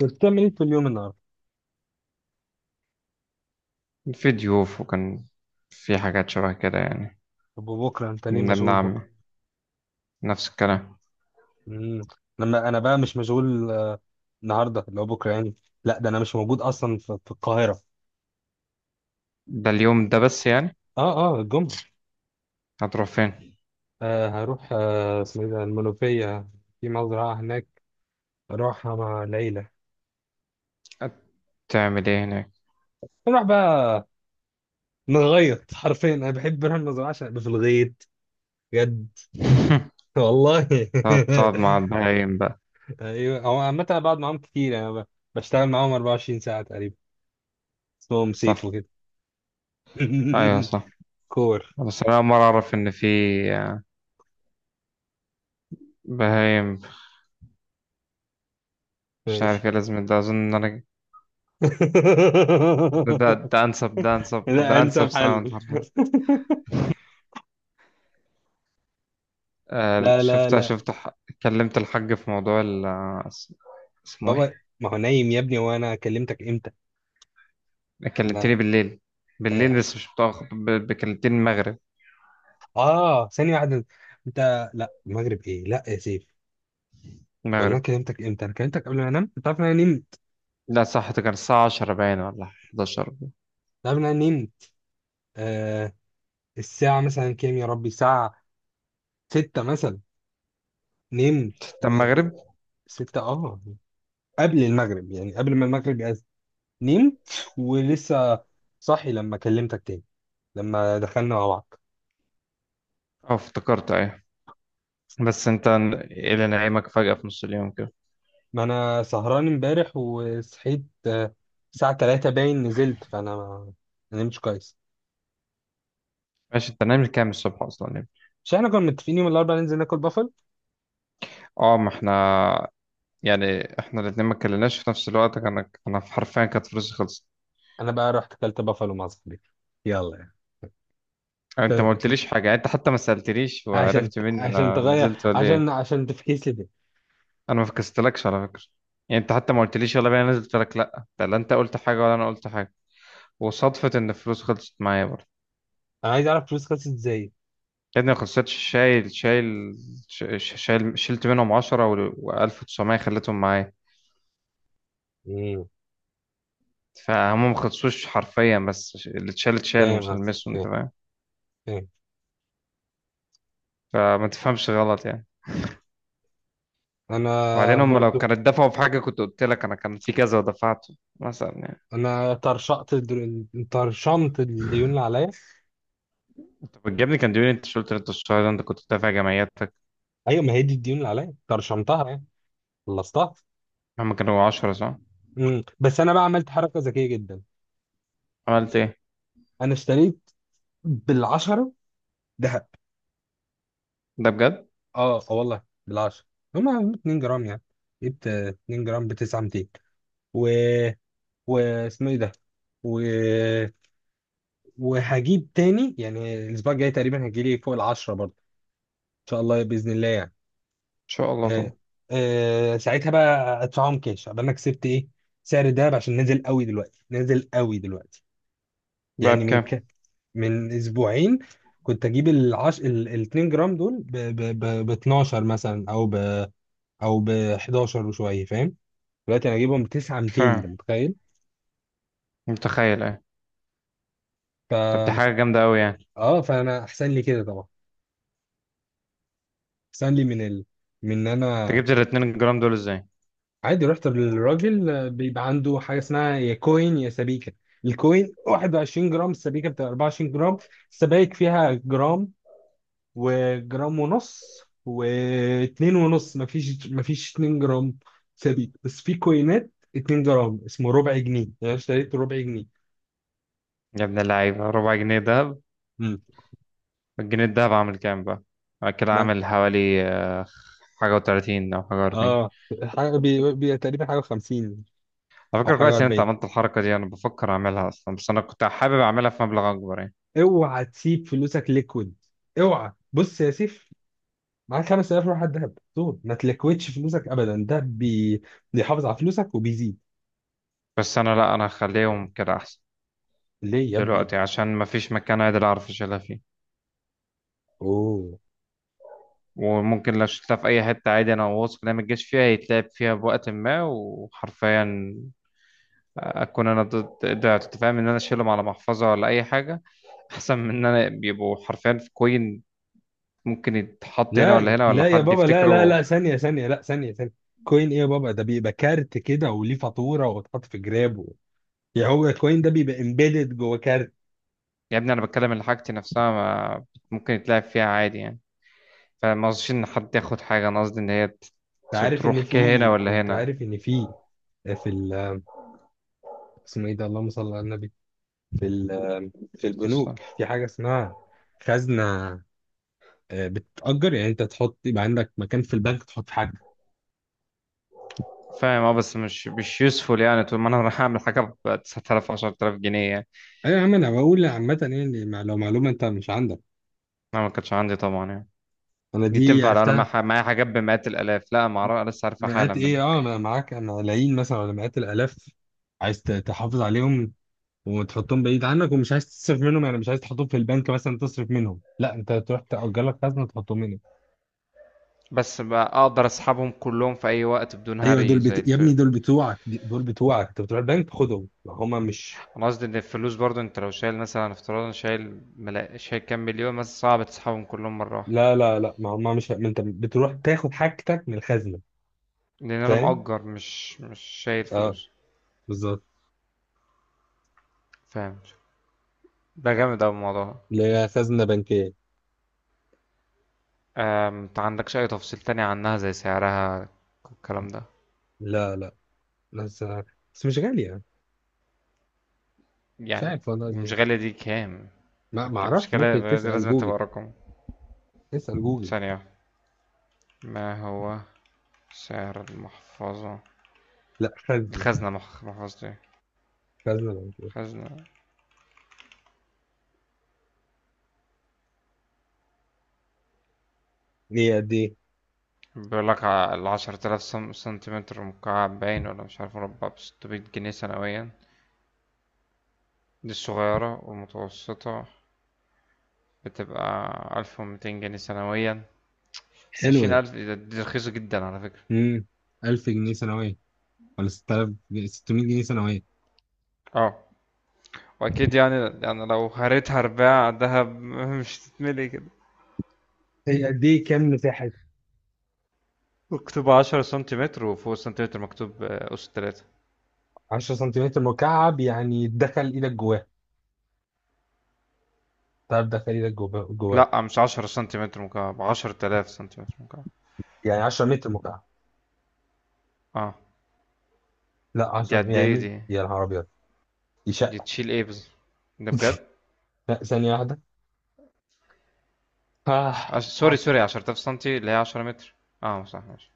كنت بتعمل ايه في اليوم النهارده؟ في ضيوف، وكان في حاجات شبه كده يعني. طب وبكره انت ليه من ابن مشغول عمي، بكره؟ نفس الكلام. امم لما انا بقى مش مشغول النهارده اللي هو بكره يعني. لا ده انا مش موجود اصلا في القاهره. ده اليوم ده بس يعني. اه اه الجمعه. هتروح فين؟ هروح اسمه ايه ده، المنوفيه. في مزرعه هناك، اروحها مع العيله. هتعمل ايه هناك؟ نروح بقى نغيط حرفيا انا بحب اروح المزرعه عشان ابقى في الغيط. بجد. والله هتقعد مع البهايم بقى؟ ايوه، هو عامه أنا بقعد معاهم كتير يعني بشتغل معاهم 24 ساعه تقريبا. اسمهم سيف صح. وكده. ايوه صح. كور. بس انا اول مره اعرف ان في بهايم. مش عارف ماشي. ايه لازم، ده اظن ان انا ده انسب ده انسب ده لا، انسب انسب ساوند حل. حرفيا. آه، لا لا لا. كلمت الحاج في موضوع ال اسمه بابا ايه. ما هو نايم يا ابني، وانا كلمتك امتى؟ ما. كلمتني بالليل. بالليل ايوه. بس مش متأخر، كلمتني المغرب. اه ثانية واحدة. انت لا المغرب ايه، لا يا سيف. ولا انا المغرب، كلمتك امتى؟ انا كلمتك قبل ما انام، انت عارف ان انا نمت. لا صح، ده كان الساعة 10 باين ولا 11 ده. انت عارف ان انا نمت. آه. الساعة مثلا كام يا ربي؟ الساعة ستة مثلا. نمت. و... و... المغرب. ستة اه. قبل المغرب، يعني قبل ما المغرب يأذن. نمت، ولسه صاحي لما كلمتك تاني، لما دخلنا مع بعض. اه، افتكرت ايه؟ بس انت، ايه اللي نعيمك فجأة في نص اليوم كده؟ ما انا سهران امبارح، وصحيت الساعة 3 باين، نزلت، فانا ما، ما نمتش كويس. ماشي، انت نايم كام الصبح اصلا يعني؟ مش احنا كنا متفقين يوم الاربعاء ننزل ناكل بافل؟ اه ما احنا، يعني احنا الاتنين ما اتكلمناش في نفس الوقت، كان انا حرفيا كانت فلوسي خلصت. انا بقى رحت اكلت بافل مع صاحبي. يلا يعني. يعني انت ما ف- قلتليش حاجة، يعني انت حتى ما سألتليش عشان وعرفت مني عشان انا تغير، نزلت ولا ايه. عشان تفكيس لي ده. انا ما فكستلكش على فكرة. يعني انت حتى ما قلتليش يلا بينا نزلت لك. لا ده، لا انت قلت حاجة ولا انا قلت حاجة. وصدفة إن الفلوس خلصت معايا برضه. انا عايز اعرف فلوس خلصت ازاي. يا ابني ما خلصتش، شايل شلت منهم عشرة وألف وتسعمية خليتهم معايا. مم، فهم ما خلصوش حرفيا، بس اللي اتشال اتشال فاهم مش قصدي، هلمسه، أنت فاهم. فاهم. فاهم. فما تفهمش غلط يعني. انا. وبعدين هم لو برضو، كانت دفعوا في حاجة كنت قلت لك أنا كان في كذا ودفعته مثلا يعني. انا طرشمت الديون اللي عليا. أنت بتجيبني كان ديوني أنت شلت، أنت الشهر ده أنت كنت دافع جمعياتك. ايوه، ما هي دي الديون اللي عليا، طرشمتها يعني، خلصتها. هم كانوا 10 صح؟ مم. بس انا بقى عملت حركه ذكيه جدا. عملت إيه؟ انا اشتريت بالعشره دهب. ده بجد؟ إن اه اه والله، بالعشره. هما 2 جرام يعني. جبت 2 جرام ب 900، و، واسمه ايه ده، و... وهجيب تاني يعني الاسبوع الجاي، تقريبا هيجي لي فوق العشره برضه. ان شاء الله، باذن الله يعني. شاء الله طبعا. آه. آه. ساعتها بقى ادفعهم كاش، قبل انا كسبت ايه، سعر الدهب، عشان نازل قوي دلوقتي، نازل قوي دلوقتي. بقى يعني بكام؟ من اسبوعين كنت اجيب ال 2 جرام دول ب 12 مثلا، او ب 11 وشويه، فاهم؟ دلوقتي انا اجيبهم ب 9 مش 200، انت فاهم. متخيل؟ متخيل إيه؟ ف طب دي حاجة جامدة أوي يعني. اه، فانا احسن لي كده طبعا، احسن لي من ان انت انا. جبت ال 2 جرام دول ازاي؟ عادي، رحت للراجل بيبقى عنده حاجه اسمها يا كوين يا سبيكه. الكوين 21 جرام، السبيكه بتبقى 24 جرام. السبايك فيها جرام، وجرام ونص، واتنين ونص، مفيش اتنين جرام ثابت، بس في كوينات اتنين جرام، اسمه ربع جنيه، يعني أنا اشتريت ربع جنيه. يا ابن اللعيبة، ربع جنيه دهب؟ امم الجنيه الدهب عامل كام بقى؟ بعد كده ما عامل حوالي حاجة و30 أو حاجة و40. اه، حاجة تقريبا حاجة وخمسين، على أو فكرة حاجة كويس إن أنت وأربعين. عملت الحركة دي. أنا بفكر أعملها أصلا، بس أنا كنت حابب أعملها في مبلغ أكبر يعني. اوعى تسيب فلوسك ليكويد. اوعى، بص يا سيف، معاك 5000 روح على الدهب. طول ما تلكوتش فلوسك ابدا، ده بيحافظ على فلوسك وبيزيد. بس أنا لأ، أنا هخليهم كده أحسن ليه يا ابني؟ دلوقتي عشان مفيش مكان عادل أعرف أشيلها فيه. اوه. وممكن لو شلتها في أي حتة عادي، أنا واثق إنها متجاش فيها يتلعب فيها بوقت ما، وحرفيا اكون انا ضد ده. فاهم ان انا اشيلهم على محفظه ولا اي حاجه احسن من ان انا بيبقوا حرفيا في كوين ممكن يتحط هنا ولا لا هنا ولا لا يا حد بابا، لا لا يفتكره. لا، ثانية ثانية، لا ثانية ثانية. كوين ايه يا بابا؟ ده بيبقى كارت كده، وليه فاتورة، وتحط في جراب و... يعني هو الكوين ده بيبقى امبيدد جوه كارت. يا ابني انا بتكلم اللي حاجتي نفسها، ما ممكن يتلعب فيها عادي يعني. فما اظنش ان حد ياخد حاجه، انا قصدي ان هي انت عارف ان تروح كهنا في ولا انت هنا. عارف ان في في اسمه ايه ده، اللهم صل على النبي، في ال... في البنوك، في حاجة اسمها خزنة، بتتأجر. يعني انت تحط، يبقى عندك مكان في البنك تحط حاجة. فاهم اه، بس مش يوسفول يعني، طول ما انا رايح اعمل حاجه ب 9000 10000 جنيه يعني. ايوه يا عم، انا بقول عامة يعني لو معلومة انت مش عندك. ما كانش عندي طبعا يعني. انا دي دي تنفع لو انا عرفتها. معايا حاجات بمئات الالاف. لا ما اعرف، لسه عارفها مئات حالا. ايه؟ اه انا معاك، انا العين مثلا ولا مئات الالاف، عايز تحافظ عليهم، وتحطهم بعيد عنك، ومش عايز تصرف منهم، يعني مش عايز تحطهم في البنك مثلا تصرف منهم، لا، انت تروح تأجر لك خزنه تحطهم هنا. بس بقى اقدر اسحبهم كلهم في اي وقت بدون ايوه، هري زي يا الف. ابني دول بتوعك، دول بتوعك، انت بتروح البنك خدهم، ما هما مش. انا قصدي ان الفلوس برضو، انت لو شايل مثلا افتراضا شايل شايل كام مليون مثلا صعب تسحبهم كلهم مرة واحدة. لا لا لا، ما هما مش، ما انت بتروح تاخد حاجتك من الخزنه. لان انا فاهم. مأجر، مش شايل اه. فلوس. بالظبط. فاهم. ده جامد اوي الموضوع ده. اللي هي خزنه بنكيه. انت عندكش اي تفصيل تاني عنها زي سعرها الكلام ده؟ لا لا. بس، بس مش غاليه. مش يعني عارف والله مش ليه. غالية دي كام؟ ما مش اعرفش، ممكن غالية دي تسأل لازم جوجل. تبقى رقم. اسأل جوجل. ثانية. ما هو سعر المحفظة لا، خزنة. الخزنة محفظتي خزنة بنكية. خزنة. ليه قد ايه؟ بيقول لك العشرة آلاف سنتيمتر مكعب باين، ولا مش عارف مربع، بستمية جنيه سنويا. دي الصغيرة. والمتوسطة بتبقى 1200 جنيه سنويا. بس حلو عشرين ده. ألف دي رخيصة جدا على فكرة. امم 1000 جنيه سنوية، ولا 6000 جنيه- 600 جنيه سنوية. اه وأكيد يعني. يعني لو هريتها أرباع دهب مش تتملي كده. هي قد ايه؟ كام مساحة؟ مكتوب عشرة سنتيمتر وفوق السنتيمتر مكتوب أس تلاتة. 10 سنتيمتر مكعب يعني دخل ايدك جواه، تعرف دخل ايدك جواه جواه؟ لأ مش عشرة سنتيمتر مكعب، 10000 سنتيمتر مكعب. يعني 10 متر مكعب؟ اه. لا دي 10، قد يعني ايه 100، دي؟ يا نهار ابيض. دي دي شقة. تشيل ايه ده بجد؟ لا ثانية واحدة. آه. سوري عارف. سوري، 10000 سنتي اللي هي 10 متر. اه صح ماشي.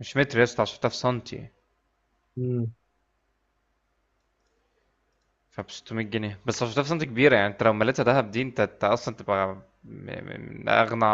مش متر يا اسطى، 10000 سنتي. مم. فب 600 جنيه بس، 10000 سنتي كبيره يعني. انت لو مليتها دهب دي، انت اصلا تبقى من اغنى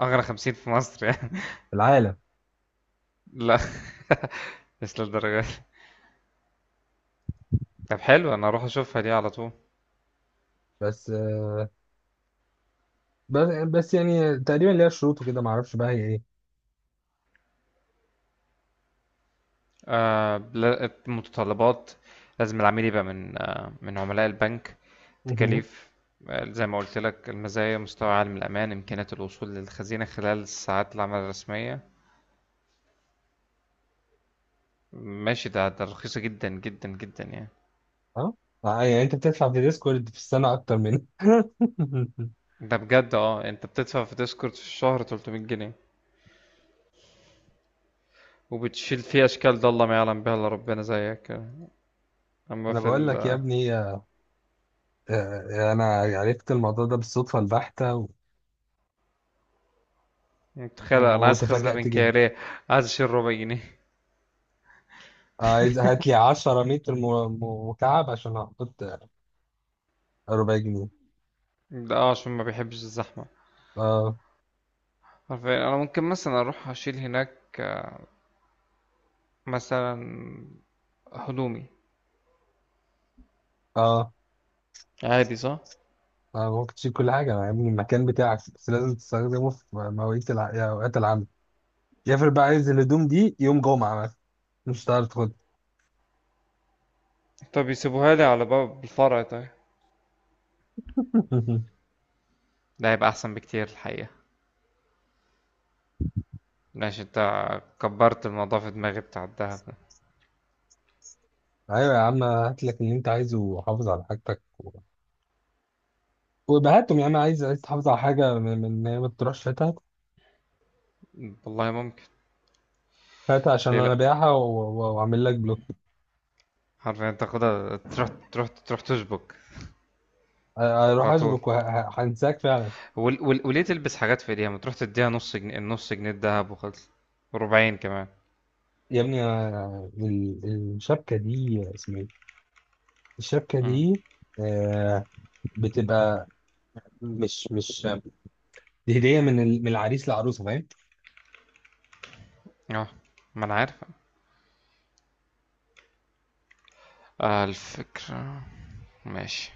اغنى 50 في مصر يعني. العالم. لا. مش للدرجه دي. طب حلو، انا اروح اشوفها دي على طول. بس بس بس يعني تقريبا ليها شروط وكده، ما اعرفش بقى هي ايه. آه، متطلبات. لازم العميل يبقى من عملاء البنك. مهم. تكاليف. زي ما قلت لك المزايا: مستوى عالي من الأمان، إمكانية الوصول للخزينة خلال ساعات العمل الرسمية. ماشي، ده رخيصة جدا جدا جدا يعني. اه. يعني انت بتدفع في ديسكورد في السنة اكتر مني. ده بجد؟ اه انت بتدفع في ديسكورد في الشهر 300 جنيه وبتشيل فيه اشكال ده الله ما يعلم بها الا ربنا زيك. اما انا في بقول ال. لك يا ابني، انا عرفت الموضوع ده بالصدفه البحته، متخيل انا عايز خزنة وتفاجأت جدا. بنكارية، عايز اشيل ربع جنيه. عايز هات لي 10 متر مكعب عشان احط ربع جنيه. ده عشان ما بيحبش الزحمة. اه. عارفين، انا ممكن مثلا اروح اشيل هناك مثلا هدومي، اه. عادي صح؟ ممكن تشيل كل حاجه يا ابني، المكان بتاعك، بس لازم تستخدمه في مواعيد يا اوقات العمل. يفرق بقى، عايز الهدوم دي يوم جمعه مثلا، مش هتعرف تاخدها. طب يسيبوها لي على باب الفرع طيب. ده هيبقى احسن بكتير الحقيقة. ماشي انت. كبرت الموضوع في دماغي بتاع الدهب ده. ايوه يا عم، هات لك اللي انت عايزه، وحافظ على حاجتك، وبهاتهم. يا عم، عايز، عايز تحافظ على حاجه ان هي ما تروحش فاتها. والله ممكن. هات عشان ليه انا لا؟ بايعها، واعمل لك بلوك. حرفيا تاخدها تروح تروح تروح تشبك اروح على طول. اشبك وهنساك فعلا. وليه تلبس حاجات في ايديها ما تروح تديها نص جنيه، النص جنيه الدهب وخلص. ربعين كمان. يا ابني الشبكه دي اسمها ايه؟ الشبكه امم. دي آه، بتبقى، مش دي هديه من من العريس للعروسه، فاهم؟ اه ما انا عارف. آه الفكرة. ماشي.